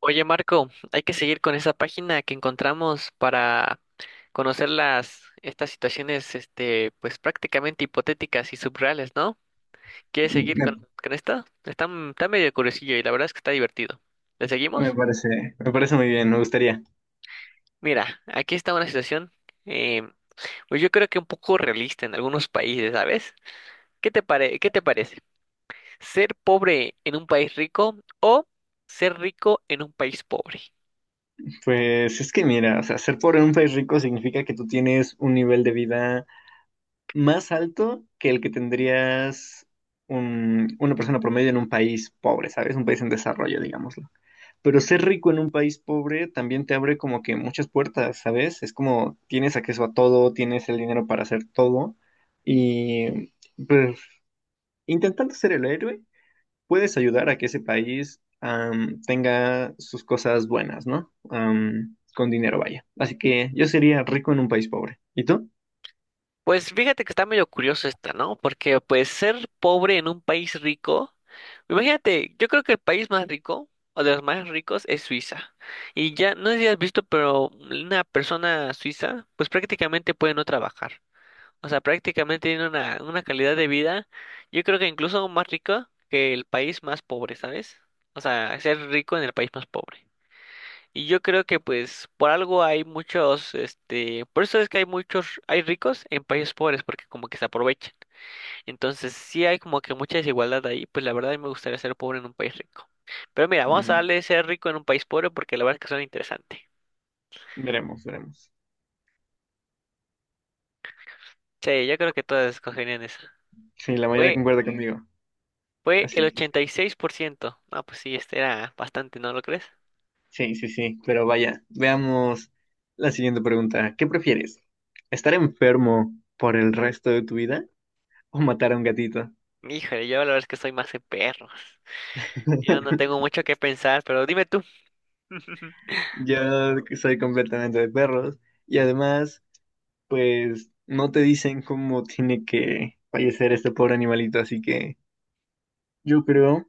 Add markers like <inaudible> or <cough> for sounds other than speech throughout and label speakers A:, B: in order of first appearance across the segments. A: Oye, Marco, hay que seguir con esa página que encontramos para conocer las estas situaciones, este, pues prácticamente hipotéticas y subreales, ¿no? ¿Quieres seguir
B: Me,
A: con esta? Está, está medio curiosillo y la verdad es que está divertido. ¿Le
B: me
A: seguimos?
B: me parece muy bien, me gustaría.
A: Mira, aquí está una situación, eh, pues yo creo que un poco realista en algunos países, ¿sabes? ¿Qué te parece? ¿Ser pobre en un país rico o ser rico en un país pobre?
B: Pues es que mira, o sea, ser pobre en un país rico significa que tú tienes un nivel de vida más alto que el que tendrías una persona promedio en un país pobre, ¿sabes? Un país en desarrollo, digámoslo. Pero ser rico en un país pobre también te abre como que muchas puertas, ¿sabes? Es como tienes acceso a todo, tienes el dinero para hacer todo y pues intentando ser el héroe. Puedes ayudar a que ese país tenga sus cosas buenas, ¿no? Con dinero, vaya. Así que yo sería rico en un país pobre. ¿Y tú?
A: Pues fíjate que está medio curioso esta, ¿no? Porque pues ser pobre en un país rico, imagínate, yo creo que el país más rico o de los más ricos es Suiza. Y ya, no sé si has visto, pero una persona suiza pues prácticamente puede no trabajar. O sea, prácticamente tiene una calidad de vida, yo creo que incluso más rica que el país más pobre, ¿sabes? O sea, ser rico en el país más pobre. Y yo creo que pues por algo hay muchos, este, por eso es que hay muchos, hay ricos en países pobres, porque como que se aprovechan. Entonces sí hay como que mucha desigualdad ahí, pues la verdad a mí me gustaría ser pobre en un país rico. Pero mira, vamos a
B: Mm,
A: darle ser rico en un país pobre porque la verdad es que suena interesante.
B: veremos, veremos.
A: Sí, yo creo que todas escogerían eso.
B: Sí, la mayoría
A: Fue,
B: concuerda sí conmigo.
A: Fue el
B: Así que
A: 86%. Ah, pues sí, este era bastante, ¿no lo crees?
B: sí, sí, sí. Pero vaya, veamos la siguiente pregunta. ¿Qué prefieres? ¿Estar enfermo por el resto de tu vida o matar a un gatito?
A: Híjole, yo la verdad es que soy más de perros. Yo no tengo
B: <laughs>
A: mucho que pensar, pero dime tú. <laughs>
B: Yo soy completamente de perros y además, pues no te dicen cómo tiene que fallecer este pobre animalito, así que yo creo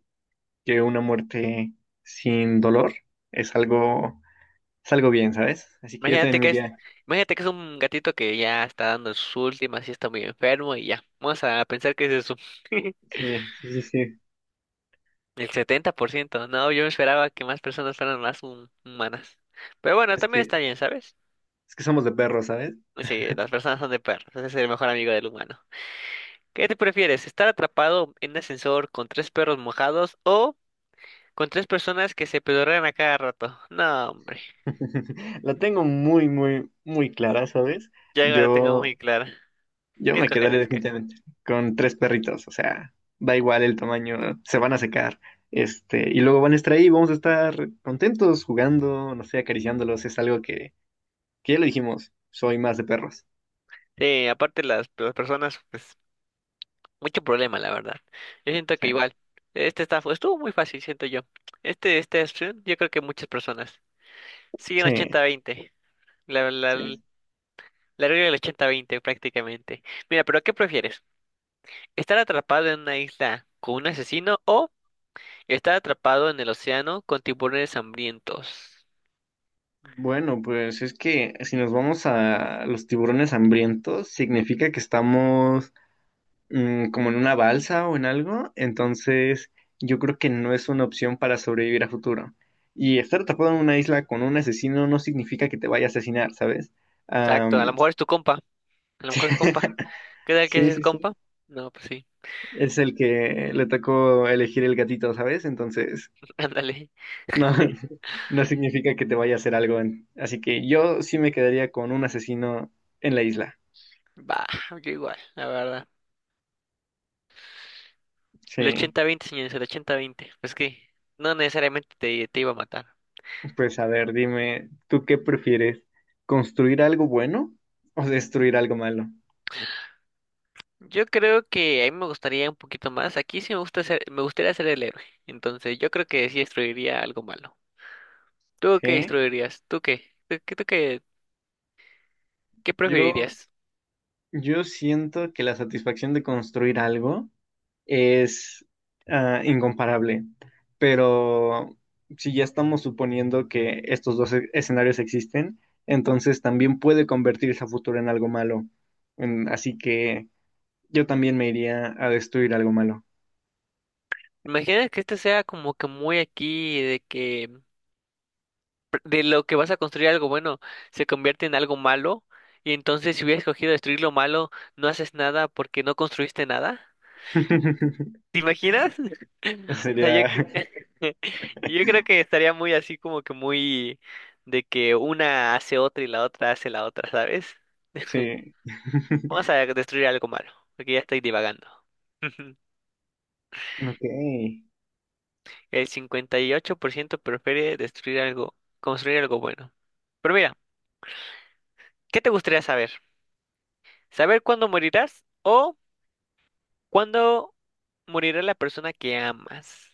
B: que una muerte sin dolor es algo, es algo bien, ¿sabes? Así que yo
A: Imagínate
B: también me
A: que es,
B: iría,
A: imagínate que es un gatito que ya está dando sus últimas y está muy enfermo y ya. Vamos a pensar que es eso. <laughs>
B: sí, sí, sí, sí,
A: El 70%. No, yo esperaba que más personas fueran más humanas. Pero bueno,
B: es
A: también
B: que,
A: está bien, ¿sabes?
B: es que somos de perros, ¿sabes?
A: Sí, las personas son de perros. Ese es el mejor amigo del humano. ¿Qué te prefieres? ¿Estar atrapado en un ascensor con tres perros mojados o con tres personas que se pedorrean a cada rato? No, hombre.
B: <laughs> La tengo muy, muy, muy clara, ¿sabes?
A: Ya la tengo mm
B: Yo
A: muy clara.
B: Yo
A: ¿Qué
B: me quedaré
A: escogerás? ¿Qué-
B: definitivamente con tres perritos, o sea, da igual el tamaño, se van a secar, este, y luego van a estar ahí, vamos a estar contentos jugando, no sé, acariciándolos, es algo que ya lo dijimos, soy más de perros.
A: sí, aparte las personas, pues mucho problema, la verdad. Yo siento que
B: Sí,
A: igual, este está, estuvo muy fácil, siento yo. Este opción, yo creo que muchas personas siguen
B: sí,
A: 80-20. La, la,
B: sí.
A: la regla del 80-20 prácticamente. Mira, pero ¿qué prefieres? ¿Estar atrapado en una isla con un asesino o estar atrapado en el océano con tiburones hambrientos?
B: Bueno, pues es que si nos vamos a los tiburones hambrientos, significa que estamos como en una balsa o en algo, entonces yo creo que no es una opción para sobrevivir a futuro. Y estar atrapado en una isla con un asesino no significa que te vaya a asesinar, ¿sabes?
A: Exacto, a lo
B: Am,
A: mejor es tu compa, a lo mejor es compa.
B: <laughs>
A: ¿Qué tal
B: sí,
A: que es
B: sí, sí.
A: compa? No, pues sí,
B: Es el que le tocó elegir el gatito, ¿sabes? Entonces,
A: <laughs> ándale.
B: no, <laughs> no significa que te vaya a hacer algo. Así que yo sí me quedaría con un asesino en la isla.
A: Va, yo igual, la verdad. El
B: Sí,
A: 80-20 señores, el 80-20. Pues que no necesariamente te iba a matar.
B: pues a ver, dime, ¿tú qué prefieres? ¿Construir algo bueno o destruir algo malo?
A: Yo creo que a mí me gustaría un poquito más. Aquí sí me gusta ser, me gustaría ser el héroe. Entonces, yo creo que sí destruiría algo malo. ¿Tú qué
B: Sí,
A: destruirías? ¿Tú qué? ¿Tú, qué, tú qué qué
B: yo,
A: preferirías?
B: yo siento que la satisfacción de construir algo es incomparable, pero si ya estamos suponiendo que estos dos escenarios existen, entonces también puede convertirse a futuro en algo malo. Mm, así que yo también me iría a destruir algo malo.
A: Imagina que este sea como que muy aquí de que pr- de lo que vas a construir algo bueno se convierte en algo malo y entonces si hubieras escogido destruir lo malo, no haces nada porque no construiste nada.
B: <laughs>
A: ¿Te imaginas? <laughs> O sea,
B: Sería,
A: <laughs> yo creo que estaría muy así como que muy de que una hace otra y la otra hace la otra, ¿sabes?
B: sí. <laughs>
A: Vamos a destruir algo malo, porque ya estoy divagando. <laughs>
B: Ok.
A: El 58% prefiere destruir algo, construir algo bueno. Pero mira, ¿qué te gustaría saber? ¿Saber cuándo morirás o cuándo morirá la persona que amas?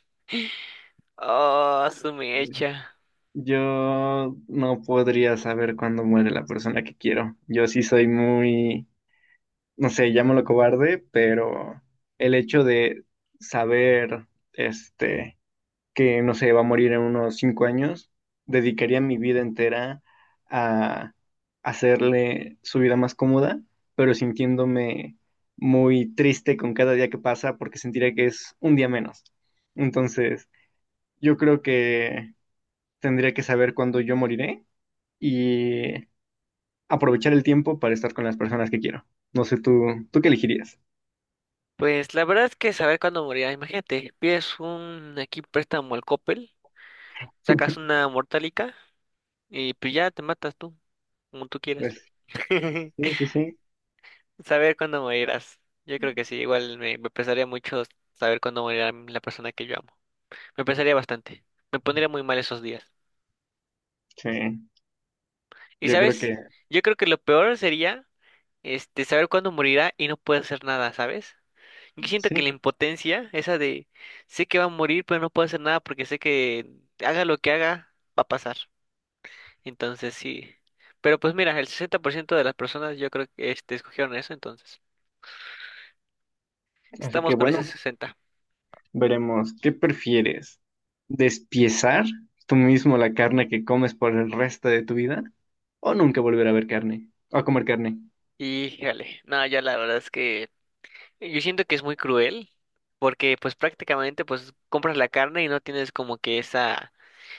A: Oh, su mecha.
B: Yo no podría saber cuándo muere la persona que quiero. Yo sí soy muy, no sé, llámalo cobarde, pero el hecho de saber, este, que no sé, va a morir en unos 5 años, dedicaría mi vida entera a hacerle su vida más cómoda, pero sintiéndome muy triste con cada día que pasa porque sentiría que es un día menos. Entonces, yo creo que tendría que saber cuándo yo moriré y aprovechar el tiempo para estar con las personas que quiero. No sé, ¿tú qué elegirías?
A: Pues la verdad es que saber cuándo morirá, imagínate, pides un aquí préstamo al Coppel, sacas una mortálica y pues ya te matas tú, como tú quieras.
B: Pues, sí,
A: <laughs>
B: sí, sí.
A: Saber cuándo morirás. Yo creo que sí, igual me pesaría mucho saber cuándo morirá la persona que yo amo. Me pesaría bastante. Me pondría muy mal esos días.
B: Sí,
A: Y
B: yo creo
A: sabes,
B: que
A: yo creo que lo peor sería este saber cuándo morirá y no puedes hacer nada, ¿sabes? Yo siento que la
B: sí.
A: impotencia, esa de sé que va a morir, pero no puedo hacer nada porque sé que haga lo que haga, va a pasar. Entonces sí. Pero pues mira, el 60% de las personas yo creo que este, escogieron eso, entonces
B: Así
A: estamos
B: que
A: con ese
B: bueno,
A: 60.
B: veremos. ¿Qué prefieres? ¿Despiezar tú mismo la carne que comes por el resto de tu vida? ¿O nunca volver a ver carne? ¿O a comer carne?
A: Y jale, no, ya la verdad es que yo siento que es muy cruel porque pues prácticamente pues compras la carne y no tienes como que esa.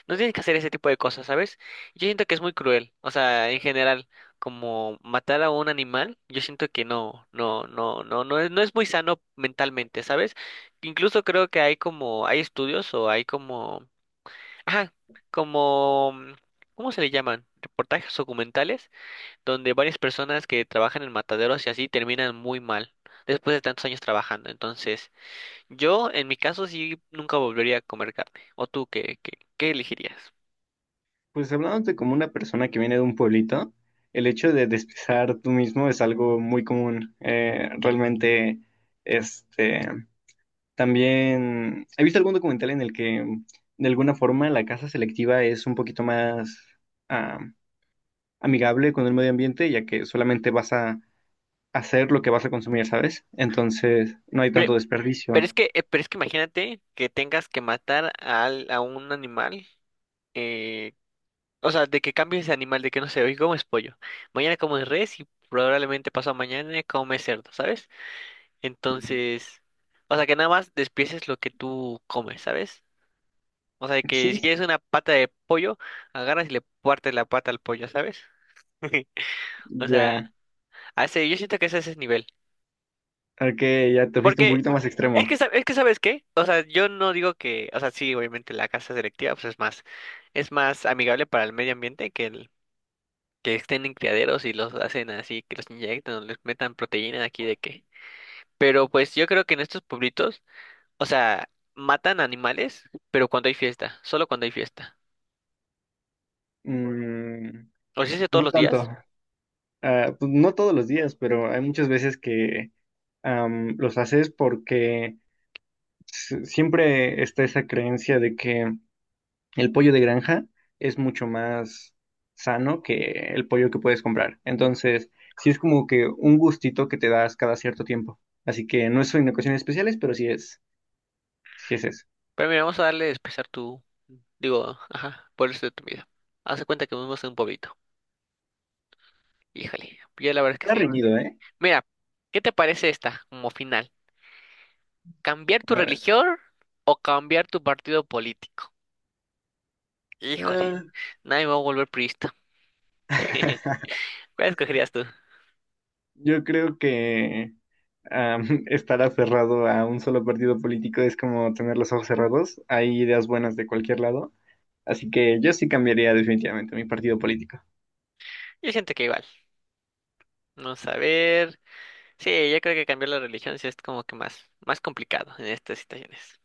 A: No tienes que hacer ese tipo de cosas, ¿sabes? Yo siento que es muy cruel. O sea, en general, como matar a un animal, yo siento que no es, no es muy sano mentalmente, ¿sabes? Incluso creo que hay como, hay estudios o hay como, ajá, como, ¿cómo se le llaman? Reportajes documentales donde varias personas que trabajan en mataderos y así terminan muy mal después de tantos años trabajando. Entonces, yo en mi caso sí nunca volvería a comer carne. ¿O tú qué, qué, qué elegirías?
B: Pues hablándote como una persona que viene de un pueblito, el hecho de despiezar tú mismo es algo muy común. Realmente, este, también he visto algún documental en el que de alguna forma la caza selectiva es un poquito más amigable con el medio ambiente, ya que solamente vas a hacer lo que vas a consumir, ¿sabes? Entonces, no hay tanto
A: Pero,
B: desperdicio.
A: pero es que imagínate que tengas que matar a un animal, eh, o sea, de que cambies de animal, de que no sé, hoy comes pollo, mañana comes res y probablemente pasado mañana comes cerdo, ¿sabes? Entonces, o sea, que nada más despieces lo que tú comes, ¿sabes? O sea, que si
B: Sí,
A: quieres una pata de pollo, agarras y le partes la pata al pollo, ¿sabes? <laughs> O sea,
B: ya.
A: a ese yo siento que es a ese nivel.
B: Ok, ya te fuiste un
A: Porque
B: poquito más
A: es que,
B: extremo.
A: es que ¿sabes qué? O sea, yo no digo que, o sea, sí, obviamente la casa selectiva pues es más amigable para el medio ambiente que el que estén en criaderos y los hacen así, que los inyectan o les metan proteína de aquí de qué. Pero pues yo creo que en estos pueblitos, o sea, matan animales, pero cuando hay fiesta, solo cuando hay fiesta.
B: Mm,
A: O si es de todos
B: no
A: los
B: tanto.
A: días,
B: Ah, pues no todos los días, pero hay muchas veces que los haces porque siempre está esa creencia de que el pollo de granja es mucho más sano que el pollo que puedes comprar. Entonces, sí es como que un gustito que te das cada cierto tiempo. Así que no es en ocasiones especiales, sí es eso.
A: pero mira, vamos a darle expresar tu, digo, ajá, por eso de tu vida. Haz de cuenta que vivimos en un pueblito. Híjole, yo la verdad es
B: Está
A: que sí.
B: reñido, ¿eh?
A: Mira, ¿qué te parece esta como final? ¿Cambiar tu
B: A ver.
A: religión o cambiar tu partido político? Híjole,
B: Ah,
A: nadie va a volver priista. <laughs> ¿Cuál
B: <laughs>
A: escogerías tú?
B: yo creo que <laughs> estar aferrado a un solo partido político es como tener los ojos cerrados. Hay ideas buenas de cualquier lado. Así que yo sí cambiaría definitivamente mi partido político.
A: Yo siento que igual. Vamos a ver. Sí, yo creo que cambiar la religión sí es como que más, más complicado en estas situaciones.